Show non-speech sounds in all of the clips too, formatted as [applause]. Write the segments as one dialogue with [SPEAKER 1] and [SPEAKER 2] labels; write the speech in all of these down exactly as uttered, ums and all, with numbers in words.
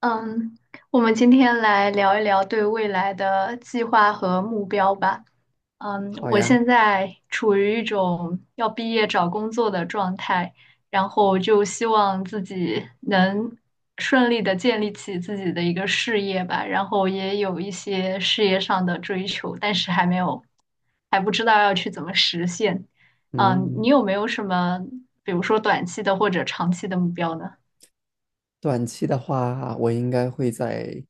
[SPEAKER 1] 嗯，我们今天来聊一聊对未来的计划和目标吧。嗯，
[SPEAKER 2] 好
[SPEAKER 1] 我
[SPEAKER 2] 呀。
[SPEAKER 1] 现在处于一种要毕业找工作的状态，然后就希望自己能顺利的建立起自己的一个事业吧，然后也有一些事业上的追求，但是还没有，还不知道要去怎么实现。嗯，
[SPEAKER 2] 嗯，
[SPEAKER 1] 你有没有什么，比如说短期的或者长期的目标呢？
[SPEAKER 2] 短期的话，我应该会在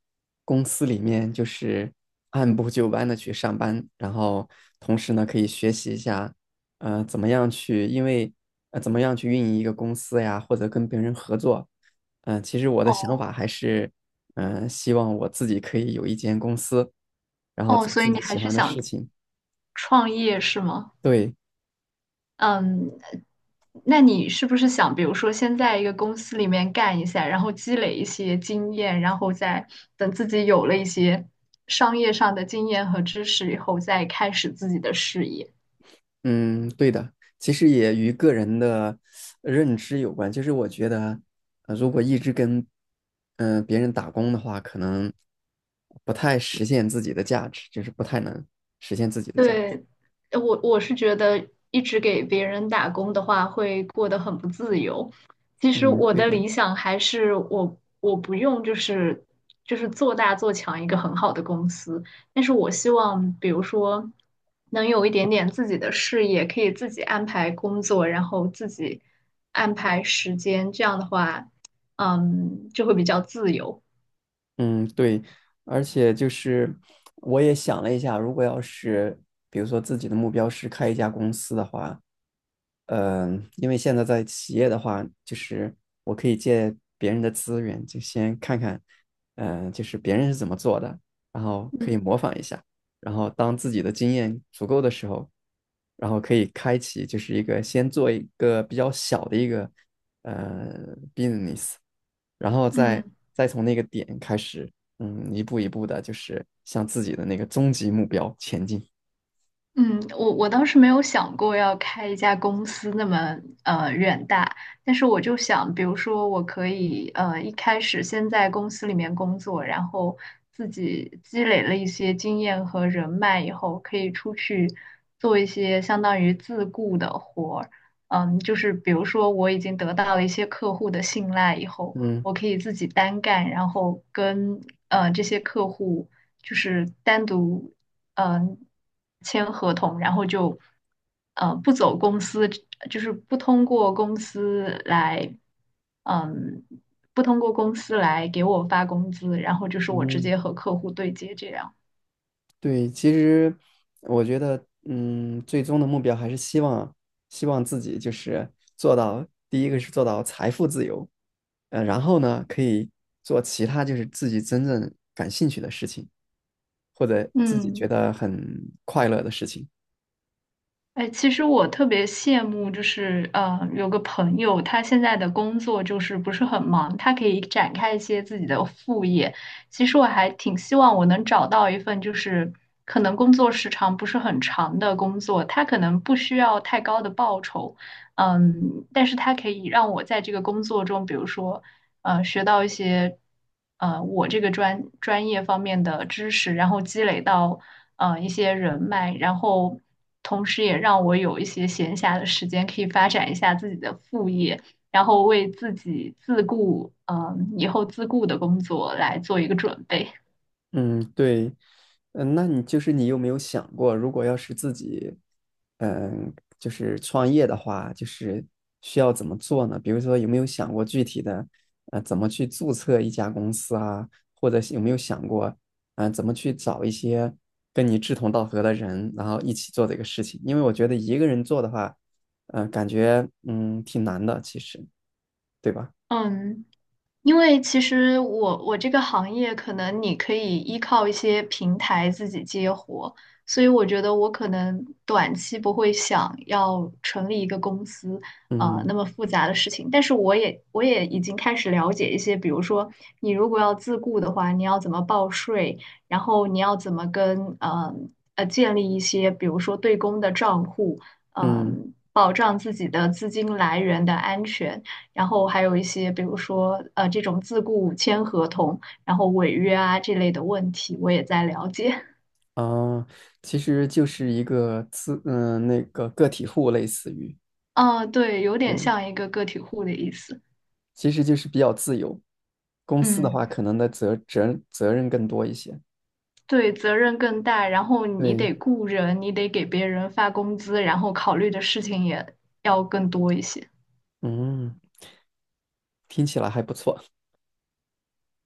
[SPEAKER 2] 公司里面就是 [laughs] 按部就班的去上班，然后同时呢，可以学习一下，呃，怎么样去，因为呃，怎么样去运营一个公司呀，或者跟别人合作。嗯、其实我的想
[SPEAKER 1] 哦，
[SPEAKER 2] 法还是，嗯、希望我自己可以有一间公司，然后
[SPEAKER 1] 哦，
[SPEAKER 2] 做
[SPEAKER 1] 所以
[SPEAKER 2] 自
[SPEAKER 1] 你
[SPEAKER 2] 己
[SPEAKER 1] 还
[SPEAKER 2] 喜
[SPEAKER 1] 是
[SPEAKER 2] 欢的
[SPEAKER 1] 想
[SPEAKER 2] 事情。
[SPEAKER 1] 创业是吗？
[SPEAKER 2] 对。
[SPEAKER 1] 嗯，那你是不是想，比如说先在一个公司里面干一下，然后积累一些经验，然后再等自己有了一些商业上的经验和知识以后，再开始自己的事业？
[SPEAKER 2] 嗯，对的，其实也与个人的呃认知有关。就是我觉得，呃如果一直跟嗯、呃别人打工的话，可能不太实现自己的价值，就是不太能实现自己的价值。
[SPEAKER 1] 对，呃我我是觉得一直给别人打工的话，会过得很不自由。其实
[SPEAKER 2] 嗯，
[SPEAKER 1] 我
[SPEAKER 2] 对
[SPEAKER 1] 的
[SPEAKER 2] 的。
[SPEAKER 1] 理想还是我我不用就是就是做大做强一个很好的公司，但是我希望比如说能有一点点自己的事业，可以自己安排工作，然后自己安排时间，这样的话，嗯，就会比较自由。
[SPEAKER 2] 嗯，对，而且就是我也想了一下，如果要是比如说自己的目标是开一家公司的话。嗯，因为现在在企业的话，就是我可以借别人的资源，就先看看，嗯，就是别人是怎么做的，然后
[SPEAKER 1] 嗯，
[SPEAKER 2] 可以模仿一下，然后当自己的经验足够的时候，然后可以开启就是一个先做一个比较小的一个呃 business，然后再
[SPEAKER 1] 嗯。
[SPEAKER 2] 再从那个点开始，嗯，一步一步的，就是向自己的那个终极目标前进。
[SPEAKER 1] 嗯，我我当时没有想过要开一家公司那么呃远大，但是我就想，比如说我可以呃一开始先在公司里面工作，然后自己积累了一些经验和人脉以后，可以出去做一些相当于自雇的活儿。嗯，就是比如说我已经得到了一些客户的信赖以后，
[SPEAKER 2] 嗯
[SPEAKER 1] 我可以自己单干，然后跟呃这些客户。就是单独嗯、呃签合同，然后就呃不走公司，就是不通过公司来嗯不通过公司来给我发工资，然后就是我直
[SPEAKER 2] 嗯。
[SPEAKER 1] 接和客户对接这样。
[SPEAKER 2] 对，其实我觉得，嗯，最终的目标还是希望，希望自己就是做到，第一个是做到财富自由，呃，然后呢，可以做其他就是自己真正感兴趣的事情，或者自己觉
[SPEAKER 1] 嗯。
[SPEAKER 2] 得很快乐的事情。
[SPEAKER 1] 哎，其实我特别羡慕，就是呃，有个朋友，他现在的工作就是不是很忙，他可以展开一些自己的副业。其实我还挺希望我能找到一份，就是可能工作时长不是很长的工作，他可能不需要太高的报酬，嗯，但是他可以让我在这个工作中，比如说呃学到一些呃我这个专专业方面的知识，然后积累到呃一些人脉，然后同时也让我有一些闲暇的时间可以发展一下自己的副业，然后为自己自顾，嗯、以后自顾的工作来做一个准备。
[SPEAKER 2] 嗯，对。嗯，那你就是你有没有想过，如果要是自己，嗯，就是创业的话，就是需要怎么做呢？比如说，有没有想过具体的，呃，怎么去注册一家公司啊？或者是有没有想过，嗯、怎么去找一些跟你志同道合的人，然后一起做这个事情？因为我觉得一个人做的话，嗯、感觉嗯挺难的，其实，对吧？
[SPEAKER 1] 嗯，因为其实我我这个行业，可能你可以依靠一些平台自己接活，所以我觉得我可能短期不会想要成立一个公司，呃，
[SPEAKER 2] 嗯
[SPEAKER 1] 那么复杂的事情。但是我也我也已经开始了解一些，比如说你如果要自雇的话，你要怎么报税，然后你要怎么跟呃呃建立一些，比如说对公的账户，
[SPEAKER 2] 嗯。
[SPEAKER 1] 嗯、保障自己的资金来源的安全。然后还有一些，比如说呃这种自雇签合同，然后违约啊这类的问题，我也在了解。[laughs]
[SPEAKER 2] 啊，其实就是一个自，嗯，呃那个个体户类似于。
[SPEAKER 1] 嗯，对，有点
[SPEAKER 2] 对，
[SPEAKER 1] 像一个个体户的意思。
[SPEAKER 2] 其实就是比较自由。公司的
[SPEAKER 1] 嗯，
[SPEAKER 2] 话，可能的责责责任更多一些。
[SPEAKER 1] 对，责任更大，然后你得
[SPEAKER 2] 对。
[SPEAKER 1] 雇人，你得给别人发工资，然后考虑的事情也要更多一些。
[SPEAKER 2] 嗯，听起来还不错。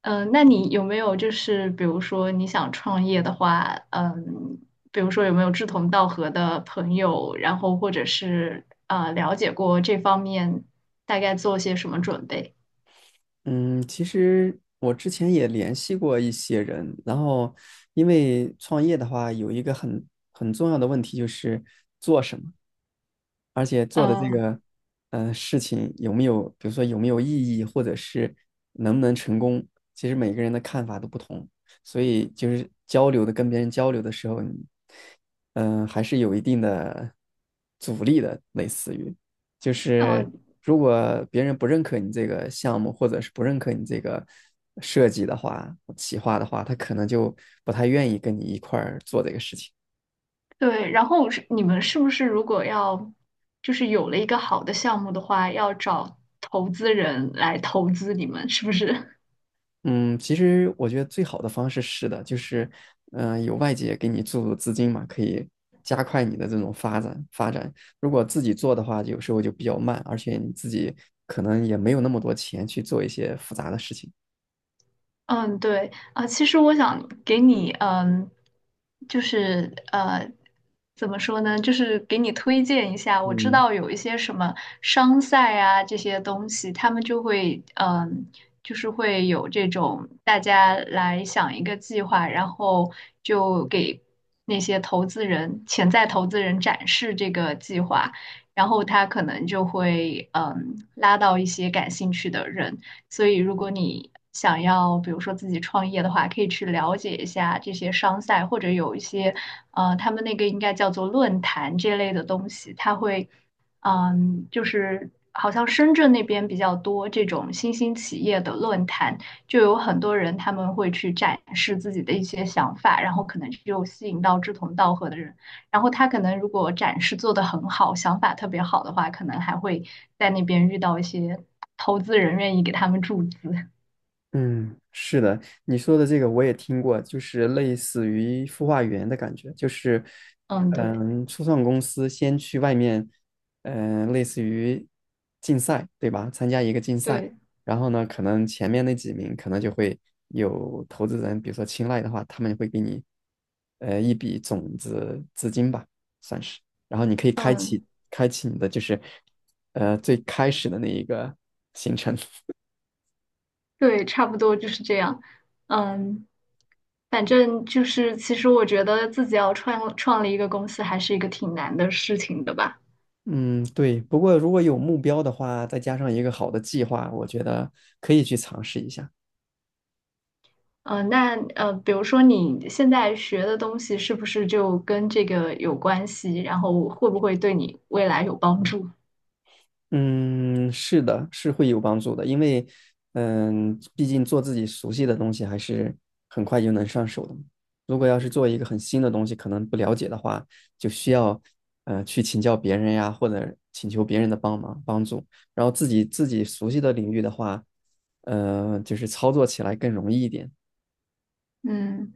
[SPEAKER 1] 嗯，那你有没有就是比如说你想创业的话，嗯，比如说有没有志同道合的朋友，然后或者是呃了解过这方面大概做些什么准备？
[SPEAKER 2] 嗯，其实我之前也联系过一些人，然后因为创业的话，有一个很很重要的问题就是。而且做的这
[SPEAKER 1] 嗯
[SPEAKER 2] 个嗯，事情有没有，比如说有没有意义，或者是能不能成功，其实每个人的看法都不同，所以就是交流的跟别人交流的时候，你嗯、呃还是有一定的阻力的，类似于就
[SPEAKER 1] 呃，
[SPEAKER 2] 是如果别人不认可你这个项目，或者是不认可你这个设计的话、企划的话，他可能就不太愿意跟你一块儿做这个事情。
[SPEAKER 1] 对，然后是你们是不是如果要就是有了一个好的项目的话，要找投资人来投资你们，是不是？
[SPEAKER 2] 嗯，其实我觉得最好的方式是的，就是，嗯、有外界给你注入资金嘛，可以加快你的这种发展发展。如果自己做的话，有时候就比较慢，而且你自己可能也没有那么多钱去做一些复杂的事情。
[SPEAKER 1] 嗯，对啊，其实我想给你，嗯，就是呃，怎么说呢，就是给你推荐一下。我知
[SPEAKER 2] 嗯。
[SPEAKER 1] 道有一些什么商赛啊这些东西，他们就会，嗯，就是会有这种大家来想一个计划，然后就给那些投资人、潜在投资人展示这个计划，然后他可能就会，嗯，拉到一些感兴趣的人。所以，如果你想要，比如说自己创业的话，可以去了解一下这些商赛，或者有一些，呃，他们那个应该叫做论坛这类的东西，它会，嗯，就是好像深圳那边比较多这种新兴企业的论坛，就有很多人他们会去展示自己的一些想法，然后可能就吸引到志同道合的人然后他可能如果展示做得很好，想法特别好的话，可能还会在那边遇到一些投资人愿意给他们注资。
[SPEAKER 2] 嗯，是的，你说的这个我也听过，就是类似于孵化园的感觉，就是，
[SPEAKER 1] 嗯，对
[SPEAKER 2] 嗯，初创公司先去外面，嗯，类似于竞赛，对吧？参加一个竞赛，
[SPEAKER 1] 对，
[SPEAKER 2] 然后呢，可能前面那几名可能就会有投资人，比如说青睐的话，他们会给你，呃，一笔种子资金吧，算是，然后你可以开启
[SPEAKER 1] 嗯
[SPEAKER 2] 开启你的就是，呃，最开始的那一个行程。
[SPEAKER 1] 对，差不多就是这样。嗯，反正就是，其实我觉得自己要创创立一个公司，还是一个挺难的事情的吧。
[SPEAKER 2] 嗯，对。不过如果有目标的话，再加上一个好的计划，我觉得可以去尝试一下。
[SPEAKER 1] 嗯，那呃，比如说你现在学的东西是不是就跟这个有关系？然后会不会对你未来有帮助？
[SPEAKER 2] 嗯，是的，是会有帮助的，因为嗯，毕竟做自己熟悉的东西还是很快就能上手的嘛。如果要是做一个很新的东西，可能不了解的话，就需要呃去请教别人呀，或者请求别人的帮忙帮助。然后自己自己熟悉的领域的话，呃，就是操作起来更容易一点。
[SPEAKER 1] 嗯。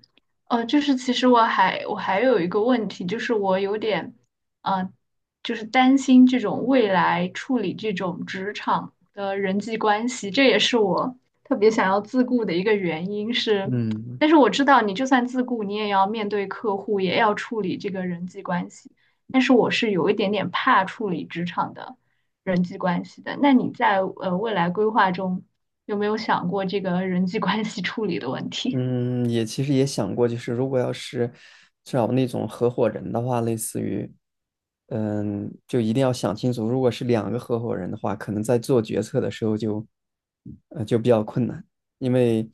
[SPEAKER 1] 呃，就是其实我还我还有一个问题，就是我有点，呃，就是担心这种未来处理这种职场的人际关系，这也是我特别想要自顾的一个原因是，
[SPEAKER 2] 嗯。
[SPEAKER 1] 但是我知道你就算自顾，你也要面对客户，也要处理这个人际关系，但是我是有一点点怕处理职场的人际关系的。那你在呃未来规划中有没有想过这个人际关系处理的问题？
[SPEAKER 2] 嗯，也其实也想过，就是如果要是找那种合伙人的话，类似于，嗯，就一定要想清楚，如果是两个合伙人的话，可能在做决策的时候就，呃，就比较困难，因为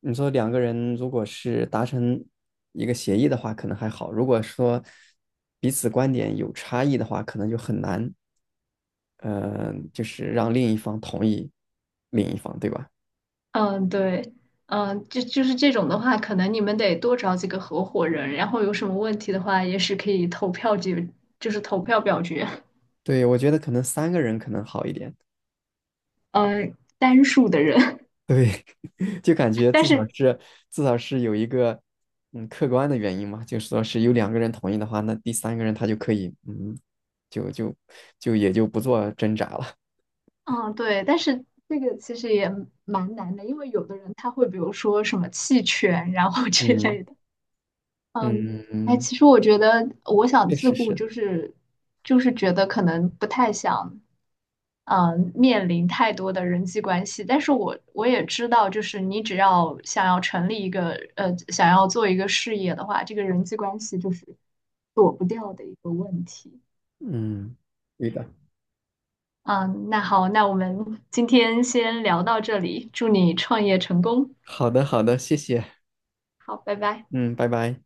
[SPEAKER 2] 你说两个人如果是达成一个协议的话，可能还好；如果说彼此观点有差异的话，可能就很难，呃，就是让另一方同意另一方，对吧？
[SPEAKER 1] 嗯，对，嗯，就就是这种的话，可能你们得多找几个合伙人，然后有什么问题的话，也是可以投票解，就是投票表决，
[SPEAKER 2] 对，我觉得可能三个人可能好一点。
[SPEAKER 1] 呃，单数的人。[laughs]
[SPEAKER 2] 对，[laughs] 就感觉
[SPEAKER 1] 但
[SPEAKER 2] 至少
[SPEAKER 1] 是，
[SPEAKER 2] 是至少是有一个嗯客观的原因嘛，就说是有两个人同意的话，那第三个人他就可以嗯，就就就也就不做挣扎了。
[SPEAKER 1] 嗯，对，但是这个其实也蛮难的，因为有的人他会比如说什么弃权，然后 [laughs] 之
[SPEAKER 2] 嗯
[SPEAKER 1] 类的。嗯，
[SPEAKER 2] 嗯
[SPEAKER 1] 哎，
[SPEAKER 2] 嗯，
[SPEAKER 1] 其实我觉得我想
[SPEAKER 2] 确
[SPEAKER 1] 自
[SPEAKER 2] 实
[SPEAKER 1] 顾，
[SPEAKER 2] 是，
[SPEAKER 1] 就是就是觉得可能不太想。嗯，面临太多的人际关系，但是我我也知道，就是你只要想要成立一个呃，想要做一个事业的话，这个人际关系就是躲不掉的一个问题。
[SPEAKER 2] 嗯，对的。
[SPEAKER 1] 嗯，那好，那我们今天先聊到这里，祝你创业成功。
[SPEAKER 2] 好的好的，谢谢，
[SPEAKER 1] 好，拜拜。
[SPEAKER 2] 嗯，拜拜。